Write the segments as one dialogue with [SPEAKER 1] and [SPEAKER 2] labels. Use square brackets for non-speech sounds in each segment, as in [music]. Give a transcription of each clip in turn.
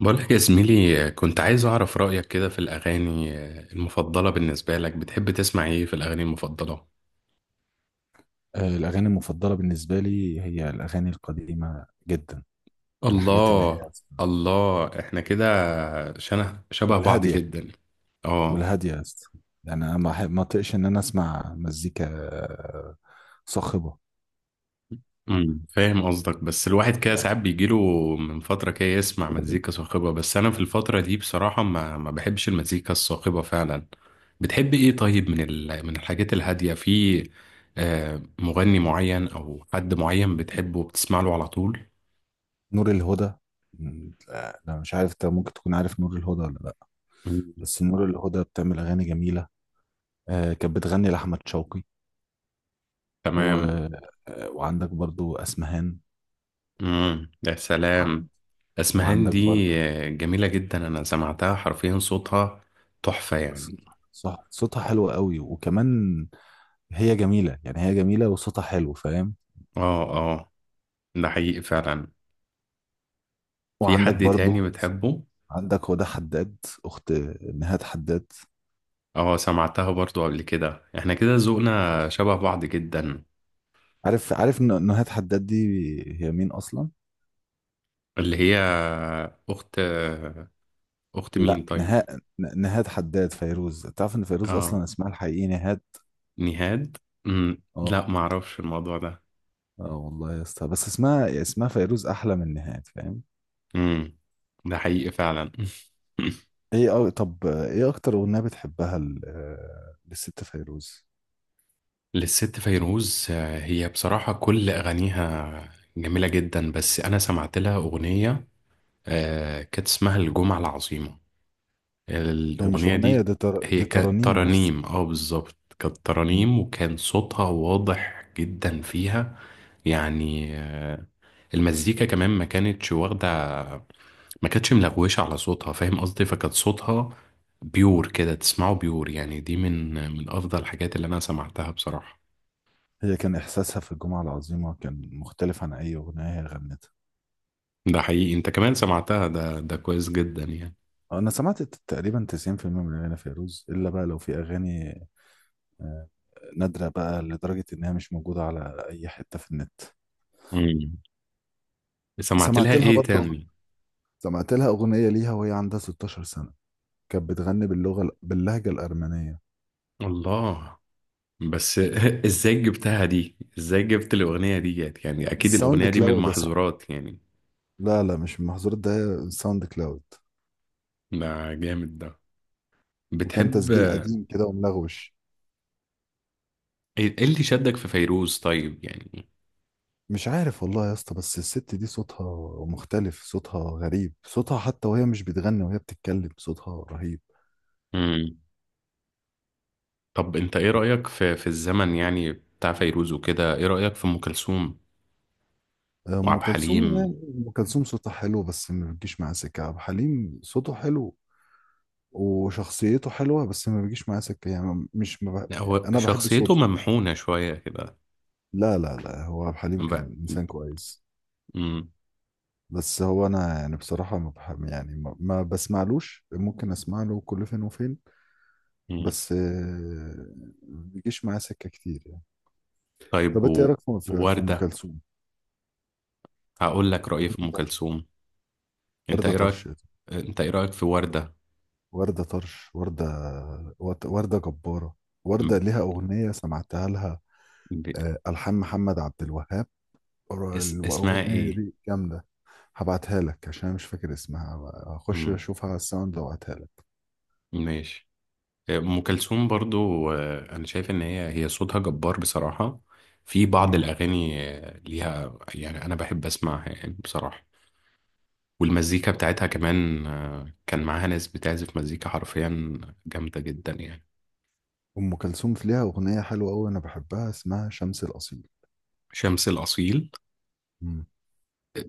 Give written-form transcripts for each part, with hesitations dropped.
[SPEAKER 1] بقولك يا زميلي، كنت عايز أعرف رأيك كده في الأغاني المفضلة. بالنسبة لك، بتحب تسمع إيه في الأغاني المفضلة؟
[SPEAKER 2] الأغاني المفضلة بالنسبة لي هي الأغاني القديمة جدا، الحاجات اللي هي
[SPEAKER 1] الله. الله، إحنا كده شنه شبه بعض
[SPEAKER 2] والهادية.
[SPEAKER 1] جدا. آه.
[SPEAKER 2] والهادية يا اسطى. يعني أنا ما أطيقش إن أنا أسمع مزيكا صاخبة.
[SPEAKER 1] فاهم قصدك، بس الواحد كده
[SPEAKER 2] يعني
[SPEAKER 1] ساعات بيجيله من فترة كده يسمع مزيكا صاخبة، بس أنا في الفترة دي بصراحة ما بحبش المزيكا الصاخبة فعلا. بتحب إيه طيب، من من الحاجات الهادية، في مغني معين أو حد معين بتحبه وبتسمع له على طول؟
[SPEAKER 2] نور الهدى. لا لا، مش عارف أنت ممكن تكون عارف نور الهدى ولا لأ.
[SPEAKER 1] مم.
[SPEAKER 2] بس نور الهدى بتعمل أغاني جميلة. كانت بتغني لأحمد شوقي و...
[SPEAKER 1] تمام.
[SPEAKER 2] وعندك برضو أسمهان.
[SPEAKER 1] مم. يا
[SPEAKER 2] وع-
[SPEAKER 1] سلام. اسمهان
[SPEAKER 2] وعندك
[SPEAKER 1] دي
[SPEAKER 2] برضو
[SPEAKER 1] جميلة جدا، انا سمعتها حرفيا صوتها تحفة يعني.
[SPEAKER 2] صوتها حلو قوي، وكمان هي جميلة. يعني هي جميلة وصوتها حلو، فاهم.
[SPEAKER 1] اه، اه، ده حقيقي فعلا. في
[SPEAKER 2] وعندك
[SPEAKER 1] حد
[SPEAKER 2] برضو
[SPEAKER 1] تاني بتحبه؟
[SPEAKER 2] عندك هدى حداد، أخت نهاد حداد.
[SPEAKER 1] اه، سمعتها برضو قبل كده، احنا كده ذوقنا شبه بعض جدا.
[SPEAKER 2] عارف نهاد حداد دي هي مين أصلا؟
[SPEAKER 1] اللي هي اخت اخت مين
[SPEAKER 2] لا
[SPEAKER 1] طيب؟
[SPEAKER 2] نهاد. نهاد حداد فيروز، تعرف إن فيروز
[SPEAKER 1] اه،
[SPEAKER 2] أصلا اسمها الحقيقي نهاد؟
[SPEAKER 1] نهاد.
[SPEAKER 2] اه
[SPEAKER 1] لا معرفش الموضوع ده.
[SPEAKER 2] اه، والله يا اسطى، بس اسمها فيروز أحلى من نهاد، فاهم؟
[SPEAKER 1] مم. ده حقيقي فعلا. [laughs]
[SPEAKER 2] طب ايه أكتر أغنية بتحبها للست فيروز؟
[SPEAKER 1] للست فيروز، هي بصراحة كل أغانيها جميلة جدا، بس أنا سمعت لها أغنية كانت اسمها الجمعة العظيمة،
[SPEAKER 2] هي مش
[SPEAKER 1] الأغنية
[SPEAKER 2] أغنية
[SPEAKER 1] دي.
[SPEAKER 2] دي،
[SPEAKER 1] هي
[SPEAKER 2] دي
[SPEAKER 1] كانت
[SPEAKER 2] ترانيم بس.
[SPEAKER 1] ترانيم، اه بالظبط، كانت ترانيم، وكان صوتها واضح جدا فيها يعني. المزيكا كمان ما كانتش واخدة، ما كانتش ملغوشة على صوتها، فاهم قصدي؟ فكانت صوتها بيور كده، تسمعه بيور يعني، دي من أفضل الحاجات اللي أنا سمعتها بصراحة.
[SPEAKER 2] هي كان إحساسها في الجمعة العظيمة كان مختلف عن أي أغنية هي غنتها.
[SPEAKER 1] ده حقيقي، انت كمان سمعتها، ده كويس جدا يعني.
[SPEAKER 2] أنا سمعت تقريبا 90% من أغاني فيروز، إلا بقى لو في أغاني آه، نادرة بقى لدرجة إنها مش موجودة على أي حتة في النت.
[SPEAKER 1] امم سمعت لها
[SPEAKER 2] سمعت لها
[SPEAKER 1] ايه
[SPEAKER 2] برضه،
[SPEAKER 1] تاني؟
[SPEAKER 2] سمعت لها أغنية ليها وهي عندها 16 سنة، كانت بتغني باللغة باللهجة الأرمنية.
[SPEAKER 1] الله، بس [laughs] ازاي جبتها دي؟ ازاي جبت الاغنية دي جت؟ يعني اكيد
[SPEAKER 2] الساوند
[SPEAKER 1] الاغنية دي من
[SPEAKER 2] كلاود ده، صح.
[SPEAKER 1] المحظورات يعني.
[SPEAKER 2] لا لا، مش المحظورات، ده الساوند كلاود.
[SPEAKER 1] ده جامد ده.
[SPEAKER 2] وكان
[SPEAKER 1] بتحب
[SPEAKER 2] تسجيل قديم كده وملغوش.
[SPEAKER 1] ايه؟ إيه اللي شدك في فيروز طيب يعني؟
[SPEAKER 2] مش عارف والله يا اسطى، بس الست دي صوتها مختلف، صوتها غريب، صوتها حتى وهي مش بتغني وهي بتتكلم صوتها رهيب.
[SPEAKER 1] امم طب انت ايه رأيك في الزمن يعني بتاع فيروز وكده، ايه رأيك في ام كلثوم
[SPEAKER 2] ام
[SPEAKER 1] وعبد
[SPEAKER 2] كلثوم
[SPEAKER 1] الحليم؟
[SPEAKER 2] يعني. ام كلثوم صوتها حلو بس ما بتجيش معاه سكه. عبد الحليم صوته حلو وشخصيته حلوه، بس ما بيجيش معاه سكه. يعني مش ما بح...
[SPEAKER 1] لا،
[SPEAKER 2] يعني
[SPEAKER 1] هو
[SPEAKER 2] انا بحب
[SPEAKER 1] شخصيته
[SPEAKER 2] صوته.
[SPEAKER 1] ممحونة شوية كده
[SPEAKER 2] لا لا لا، هو عبد الحليم
[SPEAKER 1] بقى.
[SPEAKER 2] كان انسان كويس.
[SPEAKER 1] امم
[SPEAKER 2] بس هو انا يعني بصراحه ما بحب، يعني ما بسمعلوش، ممكن اسمع له كل فين وفين. بس ما بيجيش معاه سكه كتير يعني.
[SPEAKER 1] طيب
[SPEAKER 2] طب انت ايه رايك في في ام
[SPEAKER 1] ووردة.
[SPEAKER 2] كلثوم؟
[SPEAKER 1] هقول لك رأيي في أم
[SPEAKER 2] وردة.
[SPEAKER 1] كلثوم. أنت
[SPEAKER 2] وردة
[SPEAKER 1] إيه رأيك
[SPEAKER 2] طرش
[SPEAKER 1] أنت إيه رأيك في وردة؟
[SPEAKER 2] وردة طرش وردة. وردة جبارة. وردة
[SPEAKER 1] م-
[SPEAKER 2] ليها اغنية سمعتها لها،
[SPEAKER 1] ب...
[SPEAKER 2] الحان محمد عبد الوهاب.
[SPEAKER 1] اسمها
[SPEAKER 2] الاغنية
[SPEAKER 1] إيه؟
[SPEAKER 2] دي جامدة. هبعتها لك عشان أنا مش فاكر اسمها. هخش
[SPEAKER 1] مم.
[SPEAKER 2] اشوفها على الساوند وابعتها لك.
[SPEAKER 1] ماشي. أم كلثوم برضو، أنا شايف إن هي صوتها جبار بصراحة. في بعض
[SPEAKER 2] امم.
[SPEAKER 1] الأغاني ليها، يعني أنا بحب أسمعها يعني بصراحة. والمزيكا بتاعتها كمان، كان معاها ناس بتعزف مزيكا حرفيا جامدة جدا يعني.
[SPEAKER 2] ام كلثوم في ليها اغنية حلوة قوي انا بحبها اسمها شمس الاصيل.
[SPEAKER 1] شمس الأصيل.
[SPEAKER 2] امم.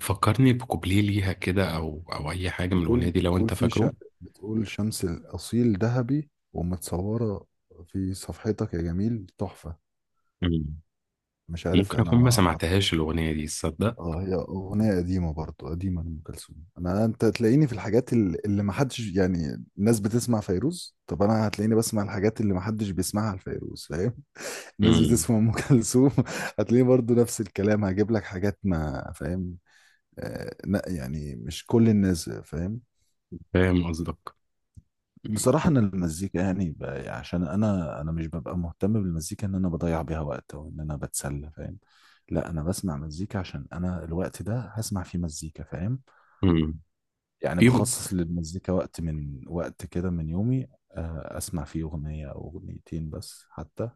[SPEAKER 1] فكرني بكوبليه ليها كده، أو أي حاجة من الأغنية
[SPEAKER 2] بتقول
[SPEAKER 1] دي لو
[SPEAKER 2] بتقول
[SPEAKER 1] أنت
[SPEAKER 2] في ش...
[SPEAKER 1] فاكره.
[SPEAKER 2] بتقول شمس الاصيل ذهبي ومتصورة في صفحتك يا جميل، تحفة.
[SPEAKER 1] مم.
[SPEAKER 2] مش عارف
[SPEAKER 1] ممكن
[SPEAKER 2] انا
[SPEAKER 1] أكون ما سمعتهاش الأغنية دي، تصدق.
[SPEAKER 2] اه، هي اغنيه قديمه برضو، قديمه لام كلثوم. انا انت تلاقيني في الحاجات اللي ما حدش، يعني الناس بتسمع فيروز، طب انا هتلاقيني بسمع الحاجات اللي ما حدش بيسمعها لفيروز، فاهم. [laughs] الناس
[SPEAKER 1] مم.
[SPEAKER 2] بتسمع ام كلثوم [laughs] هتلاقيني برضو نفس الكلام، هجيب لك حاجات، ما فاهم. آه لا، يعني مش كل الناس فاهم.
[SPEAKER 1] فاهم قصدك.
[SPEAKER 2] بصراحة أنا المزيكا يعني عشان أنا مش ببقى مهتم بالمزيكا إن أنا بضيع بيها وقت أو إن أنا بتسلى، فاهم. لا، أنا بسمع مزيكا عشان أنا الوقت ده هسمع فيه مزيكا، فاهم.
[SPEAKER 1] مم.
[SPEAKER 2] يعني
[SPEAKER 1] في ب...
[SPEAKER 2] بخصص للمزيكا وقت من وقت كده من يومي، أسمع فيه أغنية أو أغنيتين بس حتى.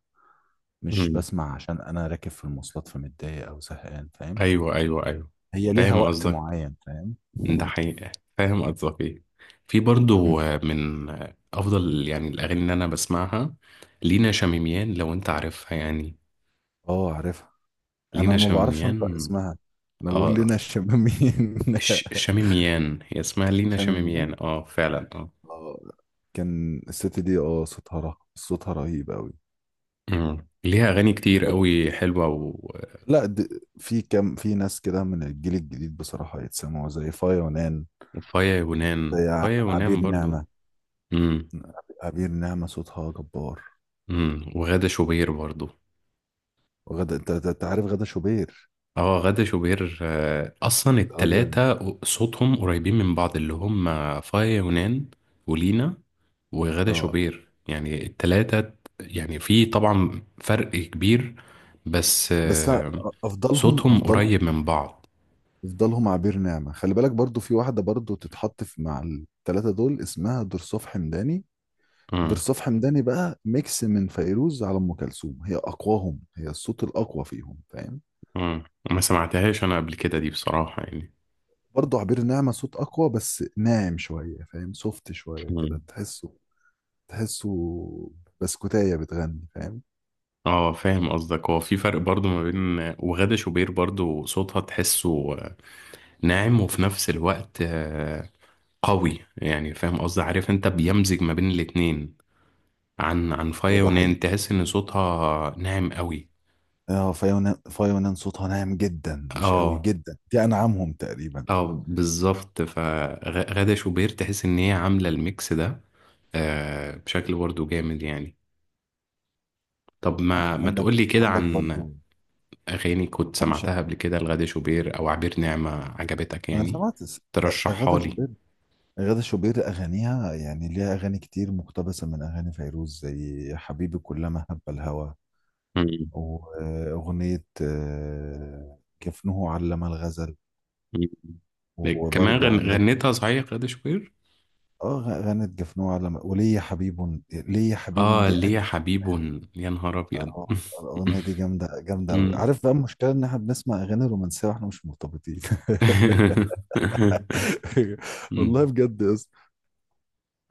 [SPEAKER 2] مش
[SPEAKER 1] مم.
[SPEAKER 2] بسمع عشان أنا راكب في المواصلات فمتضايق أو زهقان، فاهم.
[SPEAKER 1] أيوه، أيوه، أيوه.
[SPEAKER 2] هي ليها
[SPEAKER 1] فاهم
[SPEAKER 2] وقت
[SPEAKER 1] قصدك.
[SPEAKER 2] معين، فاهم.
[SPEAKER 1] ده حقيقة. فاهم قصدك إيه. في
[SPEAKER 2] مم.
[SPEAKER 1] برضو من أفضل يعني الأغاني اللي أنا بسمعها، لينا شميميان، لو أنت عارفها يعني.
[SPEAKER 2] اه عارفها. انا
[SPEAKER 1] لينا
[SPEAKER 2] ما بعرفش انطق
[SPEAKER 1] شميميان.
[SPEAKER 2] اسمها، انا بقول لنا
[SPEAKER 1] آه
[SPEAKER 2] الشمامين. [laughs]
[SPEAKER 1] شميميان، هي اسمها لينا شميميان،
[SPEAKER 2] شمامين.
[SPEAKER 1] فعلا، آه.
[SPEAKER 2] اه، كان الست دي اه صوتها رهيب، صوتها رهيب قوي.
[SPEAKER 1] ليها أغاني كتير
[SPEAKER 2] طب
[SPEAKER 1] قوي حلوة و...
[SPEAKER 2] لا د... في كم في ناس كده من الجيل الجديد بصراحة يتسمعوا زي فايا ونان،
[SPEAKER 1] وفايا يونان،
[SPEAKER 2] زي
[SPEAKER 1] فايا
[SPEAKER 2] عبير
[SPEAKER 1] يونان برضو.
[SPEAKER 2] نعمة.
[SPEAKER 1] امم.
[SPEAKER 2] عبير نعمة صوتها جبار.
[SPEAKER 1] وغادة شوبير برضو.
[SPEAKER 2] وغدا، أنت عارف غدا شوبير؟
[SPEAKER 1] اه، غادة شوبير، اصلا
[SPEAKER 2] راجل.
[SPEAKER 1] التلاتة صوتهم قريبين من بعض، اللي هم فايا يونان، ولينا، وغادة
[SPEAKER 2] اه
[SPEAKER 1] شوبير، يعني التلاتة. يعني في طبعا فرق كبير، بس
[SPEAKER 2] بس أنا افضلهم.
[SPEAKER 1] صوتهم
[SPEAKER 2] افضلهم
[SPEAKER 1] قريب من بعض.
[SPEAKER 2] يفضلهم عبير نعمة. خلي بالك برضو في واحدة برضو تتحط في مع التلاتة دول اسمها درصوف حمداني.
[SPEAKER 1] امم.
[SPEAKER 2] درصوف حمداني بقى ميكس من فيروز على أم كلثوم، هي أقواهم، هي الصوت الأقوى فيهم، فاهم.
[SPEAKER 1] امم. ما سمعتهاش انا قبل كده دي، بصراحة يعني.
[SPEAKER 2] برضو عبير نعمة صوت أقوى بس ناعم شوية، فاهم، سوفت شوية
[SPEAKER 1] مم.
[SPEAKER 2] كده تحسه. تحسه بسكوتاية بتغني، فاهم.
[SPEAKER 1] اه، فاهم قصدك. هو في فرق برضو ما بين وغادة شوبير، برضو صوتها تحسه ناعم، وفي نفس الوقت قوي يعني. فاهم قصدي؟ عارف انت، بيمزج ما بين الاتنين. عن
[SPEAKER 2] هو
[SPEAKER 1] فايا
[SPEAKER 2] ده حقيقي.
[SPEAKER 1] ونان، تحس ان صوتها ناعم قوي.
[SPEAKER 2] اه، فيونان فيونان صوتها ناعم جدا مش قوي
[SPEAKER 1] اه،
[SPEAKER 2] جدا، دي أنعمهم تقريبا.
[SPEAKER 1] اه، بالظبط. فغادة شوبير تحس ان هي عاملة الميكس ده، بشكل برضه جامد يعني. طب
[SPEAKER 2] ع-
[SPEAKER 1] ما
[SPEAKER 2] عندك
[SPEAKER 1] تقولي كده
[SPEAKER 2] عندك
[SPEAKER 1] عن
[SPEAKER 2] برضو.
[SPEAKER 1] اغاني كنت
[SPEAKER 2] أنا مش،
[SPEAKER 1] سمعتها قبل كده لغادة شوبير او عبير نعمة عجبتك،
[SPEAKER 2] أنا
[SPEAKER 1] يعني
[SPEAKER 2] أغاثة
[SPEAKER 1] ترشحها لي.
[SPEAKER 2] شوبير. غادة شوبير أغانيها، يعني ليها أغاني كتير مقتبسة من أغاني فيروز زي حبيبي كلما هب الهوى،
[SPEAKER 1] مم.
[SPEAKER 2] وأغنية جفنه علم الغزل.
[SPEAKER 1] مم. كمان
[SPEAKER 2] وبرضو عندك
[SPEAKER 1] غنتها صحيح غادة شوبير؟
[SPEAKER 2] اه غنت جفنه علم، وليا حبيب. ليا حبيب
[SPEAKER 1] اه،
[SPEAKER 2] دي
[SPEAKER 1] ليه
[SPEAKER 2] أجمل
[SPEAKER 1] يا حبيب.
[SPEAKER 2] أغنية.
[SPEAKER 1] يا نهار ابيض. [laughs]
[SPEAKER 2] الأغنية دي جامدة جامدة أوي.
[SPEAKER 1] أمم.
[SPEAKER 2] عارف بقى المشكلة إن إحنا بنسمع أغاني رومانسية وإحنا مش مرتبطين. [laughs]
[SPEAKER 1] [laughs]
[SPEAKER 2] والله
[SPEAKER 1] أمم.
[SPEAKER 2] بجد يا اسطى.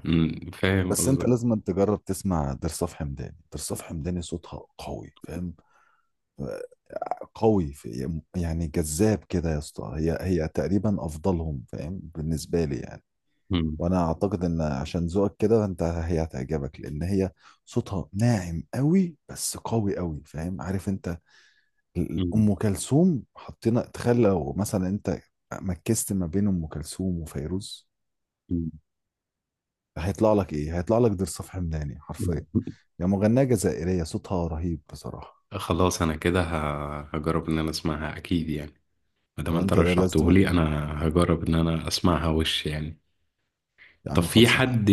[SPEAKER 1] أمم. فاهم
[SPEAKER 2] بس أنت
[SPEAKER 1] قصدك.
[SPEAKER 2] لازم تجرب تسمع درصاف حمداني. درصاف حمداني صوتها قوي، فاهم، قوي في يعني جذاب كده يا اسطى، هي هي تقريبا افضلهم، فاهم، بالنسبه لي يعني.
[SPEAKER 1] أمم.
[SPEAKER 2] وانا اعتقد ان عشان ذوقك كده انت، هي هتعجبك لان هي صوتها ناعم قوي، بس قوي قوي، فاهم. عارف انت
[SPEAKER 1] أمم.
[SPEAKER 2] ام كلثوم، حطينا تخيل لو مثلا انت مكست ما بين ام كلثوم وفيروز
[SPEAKER 1] أمم.
[SPEAKER 2] هيطلع لك ايه؟ هيطلع لك ضرس حمداني حرفيا.
[SPEAKER 1] [laughs]
[SPEAKER 2] يا مغنيه جزائريه صوتها رهيب بصراحه.
[SPEAKER 1] خلاص انا كده هجرب ان انا اسمعها اكيد يعني، ما دام انت
[SPEAKER 2] وانت لا لازم.
[SPEAKER 1] رشحته لي، انا هجرب ان انا اسمعها وش يعني.
[SPEAKER 2] يا
[SPEAKER 1] طب
[SPEAKER 2] عم
[SPEAKER 1] في
[SPEAKER 2] خلصه معاك.
[SPEAKER 1] حد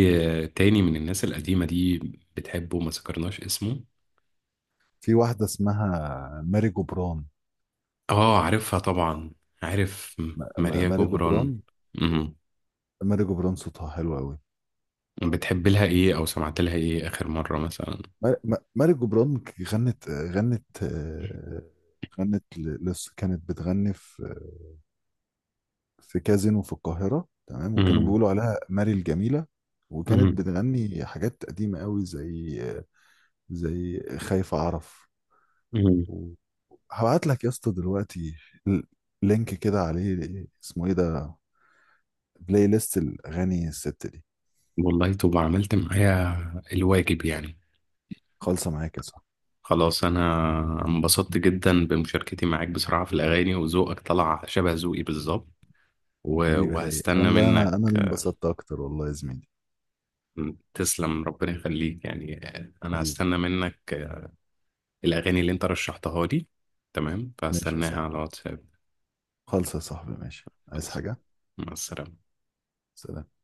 [SPEAKER 1] تاني من الناس القديمة دي بتحبه ما ذكرناش اسمه؟
[SPEAKER 2] في واحده اسمها ماري جبران.
[SPEAKER 1] اه، عارفها طبعا. عارف. ماريا
[SPEAKER 2] ماري جبران.
[SPEAKER 1] جبران.
[SPEAKER 2] ماري جبران صوتها حلو قوي.
[SPEAKER 1] بتحب لها ايه، او سمعت لها ايه اخر مرة مثلا؟
[SPEAKER 2] ماري جبران ك- غنت غنت آه، غنت ل- لسه كانت بتغني في كازينو في القاهرة، تمام. وكانوا
[SPEAKER 1] امم.
[SPEAKER 2] بيقولوا عليها ماري الجميلة. وكانت
[SPEAKER 1] امم.
[SPEAKER 2] بتغني حاجات قديمة قوي، زي زي خايف أعرف.
[SPEAKER 1] امم
[SPEAKER 2] و- هبعت لك يا اسطى دلوقتي ال- لينك كده عليه اسمه ايه ده، بلاي ليست الأغاني الست دي.
[SPEAKER 1] والله، طب عملت معايا الواجب يعني.
[SPEAKER 2] خالصة معاك يا صاحبي.
[SPEAKER 1] خلاص، انا انبسطت جدا بمشاركتي معاك بصراحة في الاغاني، وذوقك طلع شبه ذوقي بالظبط،
[SPEAKER 2] حبيبي يا رايق،
[SPEAKER 1] وهستنى
[SPEAKER 2] والله انا
[SPEAKER 1] منك.
[SPEAKER 2] انا اللي انبسطت اكتر، والله يا زميلي.
[SPEAKER 1] تسلم، ربنا يخليك يعني. انا
[SPEAKER 2] حبيبي.
[SPEAKER 1] هستنى منك الاغاني اللي انت رشحتها لي، تمام،
[SPEAKER 2] ماشي يا
[SPEAKER 1] فهستناها على
[SPEAKER 2] صاحبي.
[SPEAKER 1] واتساب.
[SPEAKER 2] خالص يا صاحبي، ماشي. عايز
[SPEAKER 1] خلاص.
[SPEAKER 2] حاجة؟
[SPEAKER 1] مع السلامة.
[SPEAKER 2] سلام